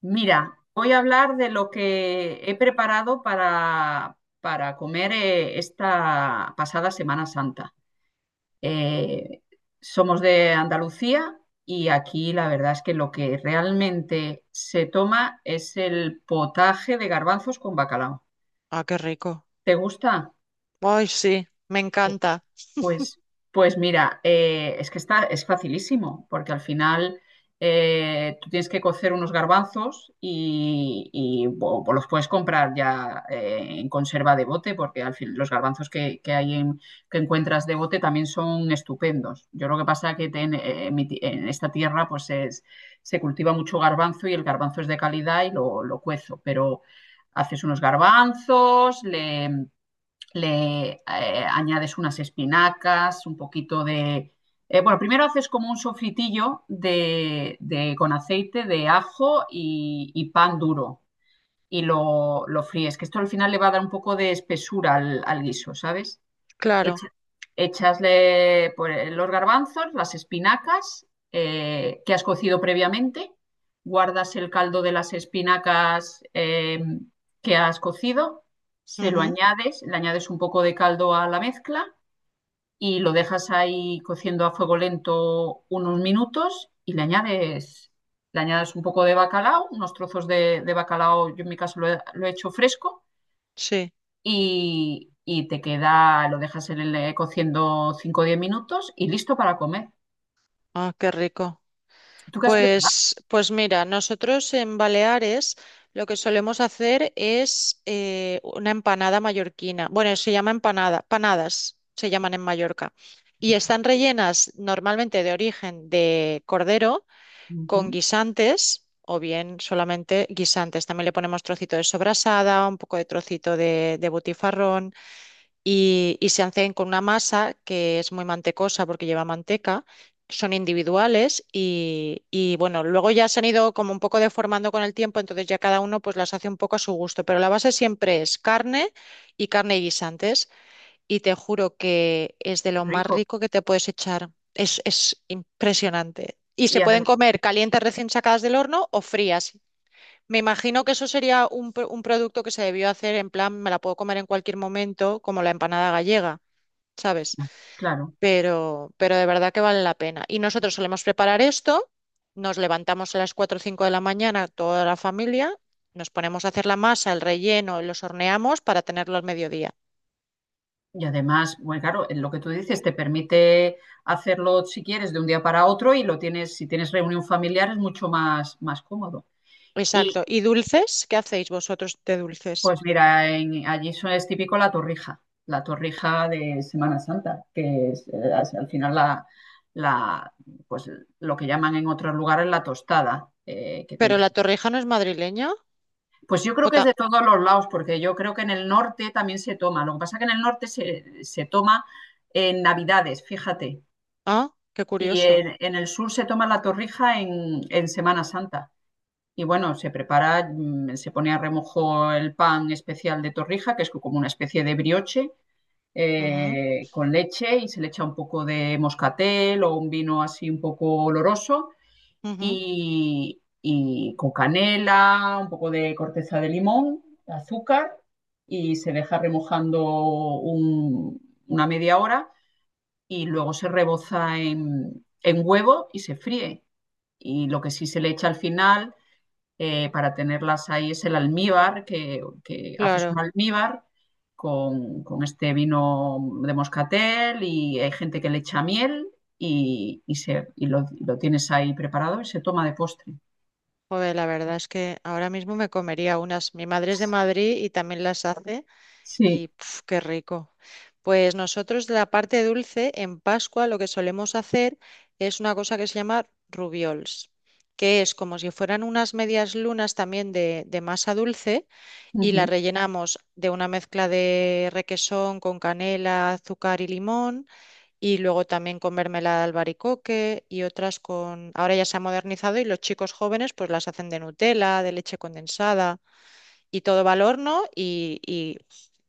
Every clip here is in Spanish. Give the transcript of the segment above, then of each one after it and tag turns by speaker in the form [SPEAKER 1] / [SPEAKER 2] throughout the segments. [SPEAKER 1] Mira, voy a hablar de lo que he preparado para comer esta pasada Semana Santa. Eh, Somos de Andalucía y aquí la verdad es que lo que realmente se toma es el potaje de garbanzos con bacalao.
[SPEAKER 2] Ah, qué rico.
[SPEAKER 1] ¿Te gusta?
[SPEAKER 2] Ay, sí, me encanta.
[SPEAKER 1] Pues, pues mira, es que es facilísimo, porque al final tú tienes que cocer unos garbanzos y los puedes comprar ya en conserva de bote, porque al fin los garbanzos que que encuentras de bote también son estupendos. Yo lo que pasa que en esta tierra pues se cultiva mucho garbanzo y el garbanzo es de calidad y lo cuezo, pero haces unos garbanzos, le añades unas espinacas, un poquito de, bueno, primero haces como un sofritillo con aceite de ajo y pan duro y lo fríes, que esto al final le va a dar un poco de espesura al guiso, ¿sabes?
[SPEAKER 2] Claro.
[SPEAKER 1] Echa- echasle por los garbanzos, las espinacas que has cocido previamente, guardas el caldo de las espinacas que has cocido, se lo
[SPEAKER 2] Ujú.
[SPEAKER 1] añades, le añades un poco de caldo a la mezcla y lo dejas ahí cociendo a fuego lento unos minutos y le añades un poco de bacalao, unos trozos de bacalao. Yo en mi caso lo he hecho fresco
[SPEAKER 2] Sí.
[SPEAKER 1] y te queda, lo dejas cociendo 5 o 10 minutos y listo para comer.
[SPEAKER 2] Ah, qué rico.
[SPEAKER 1] ¿Tú qué has preparado?
[SPEAKER 2] Pues mira, nosotros en Baleares lo que solemos hacer es una empanada mallorquina. Bueno, se llama empanada, panadas se llaman en Mallorca. Y están rellenas normalmente de origen de cordero
[SPEAKER 1] Ujú,
[SPEAKER 2] con guisantes o bien solamente guisantes. También le ponemos trocito de sobrasada, un poco de trocito de butifarrón. Y se hacen con una masa que es muy mantecosa porque lleva manteca. Son individuales y, bueno, luego ya se han ido como un poco deformando con el tiempo. Entonces, ya cada uno pues las hace un poco a su gusto, pero la base siempre es carne y carne y guisantes, y te juro que es de
[SPEAKER 1] qué
[SPEAKER 2] lo más
[SPEAKER 1] rico.
[SPEAKER 2] rico que te puedes echar. Es impresionante. Y
[SPEAKER 1] Y
[SPEAKER 2] se pueden
[SPEAKER 1] además,
[SPEAKER 2] comer calientes recién sacadas del horno o frías. Me imagino que eso sería un producto que se debió hacer en plan, me la puedo comer en cualquier momento, como la empanada gallega, ¿sabes?
[SPEAKER 1] claro,
[SPEAKER 2] Pero de verdad que vale la pena. Y nosotros solemos preparar esto, nos levantamos a las cuatro o 5 de la mañana, toda la familia, nos ponemos a hacer la masa, el relleno, los horneamos para tenerlo al mediodía.
[SPEAKER 1] y además, bueno, claro, en lo que tú dices te permite hacerlo si quieres de un día para otro y lo tienes. Si tienes reunión familiar es mucho más cómodo.
[SPEAKER 2] Exacto. ¿Y dulces? ¿Qué hacéis vosotros de dulces?
[SPEAKER 1] Pues mira, allí eso es típico la torrija de Semana Santa, que es, al final la- pues lo que llaman en otros lugares la tostada, que
[SPEAKER 2] ¿Pero
[SPEAKER 1] tienes
[SPEAKER 2] la
[SPEAKER 1] que.
[SPEAKER 2] torrija no es madrileña?
[SPEAKER 1] Pues yo creo
[SPEAKER 2] ¿O
[SPEAKER 1] que es
[SPEAKER 2] ta-?
[SPEAKER 1] de todos los lados, porque yo creo que en el norte también se toma. Lo que pasa que en el norte se toma en Navidades, fíjate,
[SPEAKER 2] Ah, qué
[SPEAKER 1] y
[SPEAKER 2] curioso.
[SPEAKER 1] en el sur se toma la torrija en Semana Santa. Y bueno, se prepara, se pone a remojo el pan especial de torrija, que es como una especie de brioche,
[SPEAKER 2] Ujú,
[SPEAKER 1] con leche y se le echa un poco de moscatel o un vino así un poco oloroso
[SPEAKER 2] ujú,
[SPEAKER 1] y con canela, un poco de corteza de limón, azúcar y se deja remojando un- una media hora y luego se reboza en huevo y se fríe. Y lo que sí se le echa al final para tenerlas ahí es el almíbar, que haces un
[SPEAKER 2] claro.
[SPEAKER 1] almíbar con este vino de moscatel y hay gente que le echa miel y lo tienes ahí preparado y se toma de postre.
[SPEAKER 2] Joder, la verdad es que ahora mismo me comería unas. Mi madre es de Madrid y también las hace. Y
[SPEAKER 1] Sí,
[SPEAKER 2] puf, qué rico. Pues nosotros de la parte dulce, en Pascua lo que solemos hacer es una cosa que se llama rubiols, que es como si fueran unas medias lunas también de masa dulce, y la
[SPEAKER 1] ujú.
[SPEAKER 2] rellenamos de una mezcla de requesón con canela, azúcar y limón, y luego también con mermelada de albaricoque y otras con. Ahora ya se ha modernizado y los chicos jóvenes pues las hacen de Nutella, de leche condensada, y todo va al horno y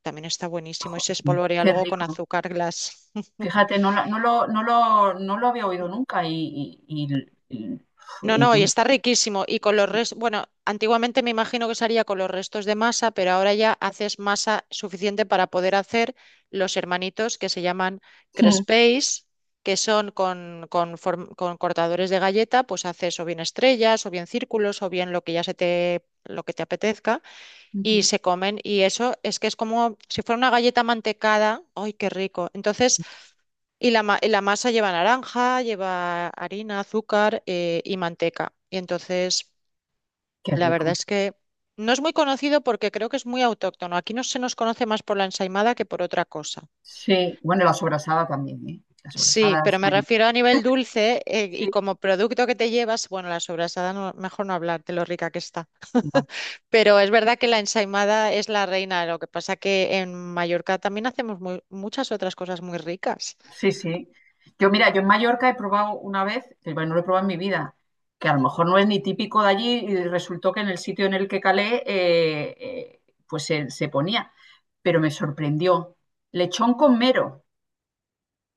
[SPEAKER 2] también está buenísimo y
[SPEAKER 1] Jo,
[SPEAKER 2] se espolvorea
[SPEAKER 1] qué
[SPEAKER 2] luego con
[SPEAKER 1] rico.
[SPEAKER 2] azúcar glass.
[SPEAKER 1] Fíjate, no, no lo había oído nunca y-
[SPEAKER 2] No,
[SPEAKER 1] y
[SPEAKER 2] no, y
[SPEAKER 1] tiene-
[SPEAKER 2] está riquísimo. Y con los
[SPEAKER 1] sí.
[SPEAKER 2] restos, bueno, antiguamente me imagino que se haría con los restos de masa, pero ahora ya haces masa suficiente para poder hacer los hermanitos que se llaman
[SPEAKER 1] Mm,
[SPEAKER 2] crespés, que son con cortadores de galleta, pues haces o bien estrellas, o bien círculos, o bien lo que te apetezca, y
[SPEAKER 1] ujú.
[SPEAKER 2] se comen. Y eso es que es como si fuera una galleta mantecada. ¡Ay, qué rico! Entonces la masa lleva naranja, lleva harina, azúcar y manteca. Y entonces,
[SPEAKER 1] Qué
[SPEAKER 2] la
[SPEAKER 1] rico.
[SPEAKER 2] verdad es que no es muy conocido porque creo que es muy autóctono. Aquí no se nos conoce más por la ensaimada que por otra cosa.
[SPEAKER 1] Sí, bueno, la sobrasada también, ¿eh? La
[SPEAKER 2] Sí,
[SPEAKER 1] sobrasada es
[SPEAKER 2] pero me
[SPEAKER 1] muy.
[SPEAKER 2] refiero a nivel dulce y
[SPEAKER 1] Sí.
[SPEAKER 2] como producto que te llevas, bueno, la sobrasada, mejor no hablar de lo rica que está. Pero es verdad que la ensaimada es la reina, lo que pasa que en Mallorca también hacemos muchas otras cosas muy ricas.
[SPEAKER 1] Sí, sí. Mira, yo en Mallorca he probado una vez, que bueno, no lo he probado en mi vida, que a lo mejor no es ni típico de allí y resultó que en el sitio en el que calé, pues se ponía. Pero me sorprendió. Lechón con mero,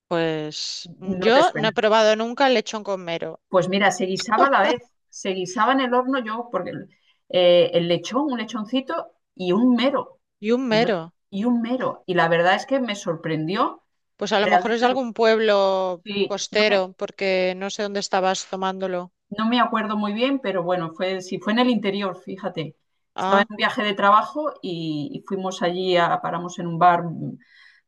[SPEAKER 2] Pues
[SPEAKER 1] no te
[SPEAKER 2] yo
[SPEAKER 1] suena.
[SPEAKER 2] no he probado nunca el lechón con mero.
[SPEAKER 1] Pues mira, se guisaba a la vez, se guisaba en el horno yo, porque el lechón, un lechoncito y un mero,
[SPEAKER 2] ¿Y un
[SPEAKER 1] y, no-
[SPEAKER 2] mero?
[SPEAKER 1] y un mero. Y la verdad es que me sorprendió
[SPEAKER 2] Pues a lo mejor es de
[SPEAKER 1] realmente, lo,
[SPEAKER 2] algún pueblo
[SPEAKER 1] sí, no me-
[SPEAKER 2] costero, porque no sé dónde estabas tomándolo.
[SPEAKER 1] No me acuerdo muy bien, pero bueno, fue, sí, fue en el interior, fíjate. Estaba en
[SPEAKER 2] Ah,
[SPEAKER 1] un viaje de trabajo y fuimos allí, paramos en un bar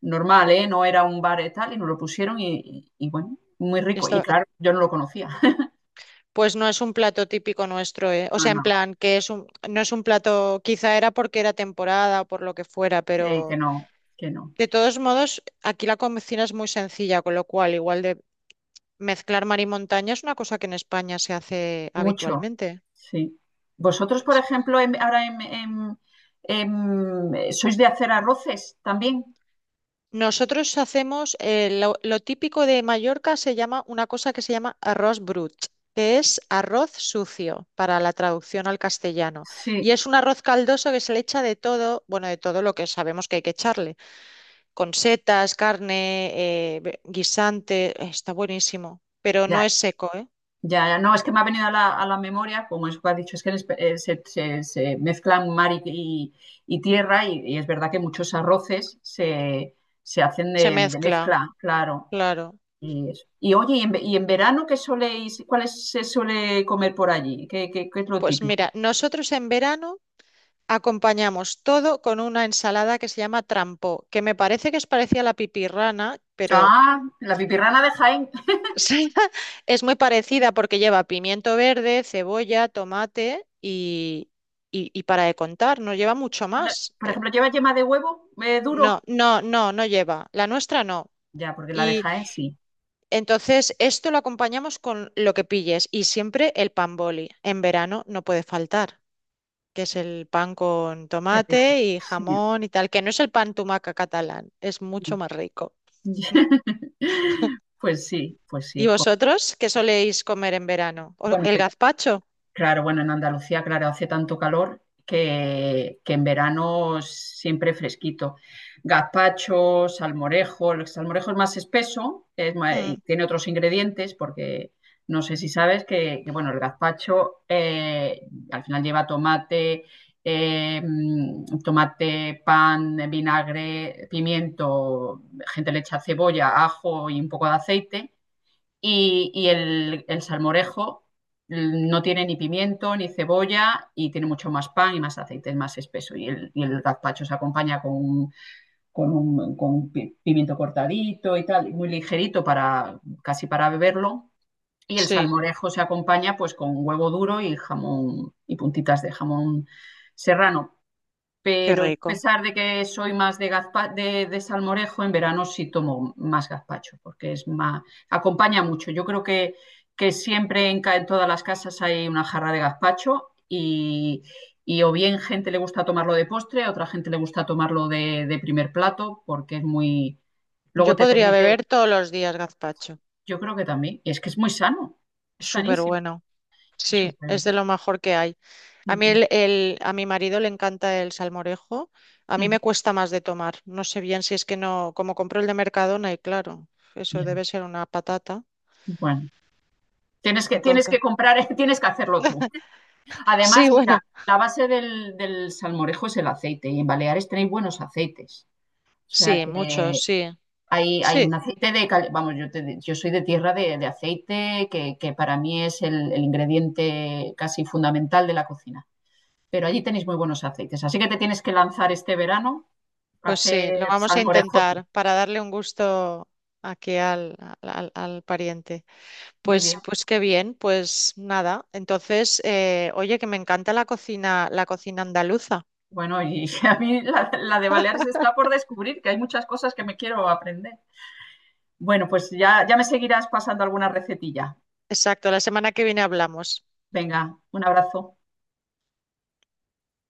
[SPEAKER 1] normal, ¿eh? No era un bar y tal, y nos lo pusieron y bueno, muy
[SPEAKER 2] ya
[SPEAKER 1] rico. Y
[SPEAKER 2] está.
[SPEAKER 1] claro, yo no lo conocía.
[SPEAKER 2] Pues no es un plato típico nuestro, ¿eh? O
[SPEAKER 1] No,
[SPEAKER 2] sea,
[SPEAKER 1] no,
[SPEAKER 2] en plan, que es no es un plato, quizá era porque era temporada o por lo que fuera,
[SPEAKER 1] sí, que
[SPEAKER 2] pero
[SPEAKER 1] no, que no.
[SPEAKER 2] de todos modos, aquí la cocina es muy sencilla, con lo cual, igual de mezclar mar y montaña es una cosa que en España se hace
[SPEAKER 1] Mucho,
[SPEAKER 2] habitualmente.
[SPEAKER 1] sí. Vosotros, por ejemplo, ahora sois de hacer arroces también.
[SPEAKER 2] Nosotros hacemos lo típico de Mallorca se llama una cosa que se llama arroz brut, que es arroz sucio para la traducción al castellano. Y
[SPEAKER 1] Sí,
[SPEAKER 2] es un arroz caldoso que se le echa de todo, bueno, de todo lo que sabemos que hay que echarle, con setas, carne, guisante, está buenísimo, pero no
[SPEAKER 1] ya,
[SPEAKER 2] es seco, ¿eh?
[SPEAKER 1] ya, no, es que me ha venido a la memoria, como es que has dicho, es que en se mezclan mar y tierra y es verdad que muchos arroces se hacen
[SPEAKER 2] Se
[SPEAKER 1] de
[SPEAKER 2] mezcla,
[SPEAKER 1] mezcla, claro.
[SPEAKER 2] claro.
[SPEAKER 1] Eso. Y oye, ¿y en verano qué soléis, cuáles se suele comer por allí? ¿Qué es lo
[SPEAKER 2] Pues mira,
[SPEAKER 1] típico?
[SPEAKER 2] nosotros en verano acompañamos todo con una ensalada que se llama trampó, que me parece que es parecida a la pipirrana, pero
[SPEAKER 1] Ah, la pipirrana de Jaén.
[SPEAKER 2] sí, es muy parecida porque lleva pimiento verde, cebolla, tomate y para de contar, no lleva mucho
[SPEAKER 1] No,
[SPEAKER 2] más.
[SPEAKER 1] por ejemplo, ¿lleva yema de huevo duro?
[SPEAKER 2] No, no, no, no lleva. La nuestra no.
[SPEAKER 1] Ya, porque la de
[SPEAKER 2] Y
[SPEAKER 1] Jaén sí,
[SPEAKER 2] entonces esto lo acompañamos con lo que pilles y siempre el pan boli. En verano no puede faltar, que es el pan con
[SPEAKER 1] qué rico.
[SPEAKER 2] tomate y
[SPEAKER 1] Sí.
[SPEAKER 2] jamón y tal, que no es el pan tumaca catalán, es mucho más rico.
[SPEAKER 1] Pues sí, pues sí.
[SPEAKER 2] ¿Y
[SPEAKER 1] Jo.
[SPEAKER 2] vosotros qué soléis comer en verano? ¿O-?
[SPEAKER 1] Bueno,
[SPEAKER 2] ¿El gazpacho?
[SPEAKER 1] claro, bueno, en Andalucía, claro, hace tanto calor que en verano siempre fresquito. Gazpacho, salmorejo, el salmorejo es más espeso, y
[SPEAKER 2] Mm,
[SPEAKER 1] tiene otros ingredientes porque no sé si sabes que, bueno, el gazpacho al final lleva tomate, pan, vinagre, pimiento, gente le echa cebolla, ajo y un poco de aceite y el salmorejo no tiene ni pimiento ni cebolla y tiene mucho más pan y más aceite, es más espeso. Y el gazpacho se acompaña pimiento cortadito y tal, muy ligerito para casi para beberlo. Y el
[SPEAKER 2] sí,
[SPEAKER 1] salmorejo se acompaña pues con huevo duro y jamón y puntitas de jamón serrano,
[SPEAKER 2] qué
[SPEAKER 1] pero a
[SPEAKER 2] rico.
[SPEAKER 1] pesar de que soy más de salmorejo, en verano sí tomo más gazpacho, porque es acompaña mucho. Yo creo que siempre en todas las casas hay una jarra de gazpacho y o bien gente le gusta tomarlo de postre, a otra gente le gusta tomarlo de primer plato, porque es muy. Luego
[SPEAKER 2] Yo
[SPEAKER 1] te
[SPEAKER 2] podría
[SPEAKER 1] permite,
[SPEAKER 2] beber todos los días gazpacho.
[SPEAKER 1] yo creo que también, y es que es muy sano, es
[SPEAKER 2] Súper
[SPEAKER 1] sanísimo,
[SPEAKER 2] bueno.
[SPEAKER 1] es
[SPEAKER 2] Sí,
[SPEAKER 1] súper.
[SPEAKER 2] es de lo mejor que hay. A mí a mi marido le encanta el salmorejo. A mí me cuesta más de tomar. No sé bien si es que no, como compro el de Mercadona y claro, eso
[SPEAKER 1] Ya,
[SPEAKER 2] debe ser una patata.
[SPEAKER 1] bueno, tienes que, tienes
[SPEAKER 2] Entonces,
[SPEAKER 1] que comprar, tienes que hacerlo tú.
[SPEAKER 2] sí,
[SPEAKER 1] Además,
[SPEAKER 2] bueno,
[SPEAKER 1] mira, la base del salmorejo es el aceite y en Baleares tenéis buenos aceites. O sea
[SPEAKER 2] sí, mucho,
[SPEAKER 1] que
[SPEAKER 2] sí.
[SPEAKER 1] hay
[SPEAKER 2] Sí,
[SPEAKER 1] un aceite Vamos, yo soy de tierra de aceite que para mí es el ingrediente casi fundamental de la cocina. Pero allí tenéis muy buenos aceites. Así que te tienes que lanzar este verano a
[SPEAKER 2] pues sí,
[SPEAKER 1] hacer
[SPEAKER 2] lo vamos a
[SPEAKER 1] salmorejo tú.
[SPEAKER 2] intentar para darle un gusto aquí al pariente.
[SPEAKER 1] Muy
[SPEAKER 2] Pues,
[SPEAKER 1] bien.
[SPEAKER 2] pues qué bien, pues nada. Entonces, oye, que me encanta la cocina, andaluza.
[SPEAKER 1] Bueno, y a mí la de Baleares está por descubrir, que hay muchas cosas que me quiero aprender. Bueno, pues ya, ya me seguirás pasando alguna recetilla.
[SPEAKER 2] Exacto, la semana que viene hablamos.
[SPEAKER 1] Venga, un abrazo.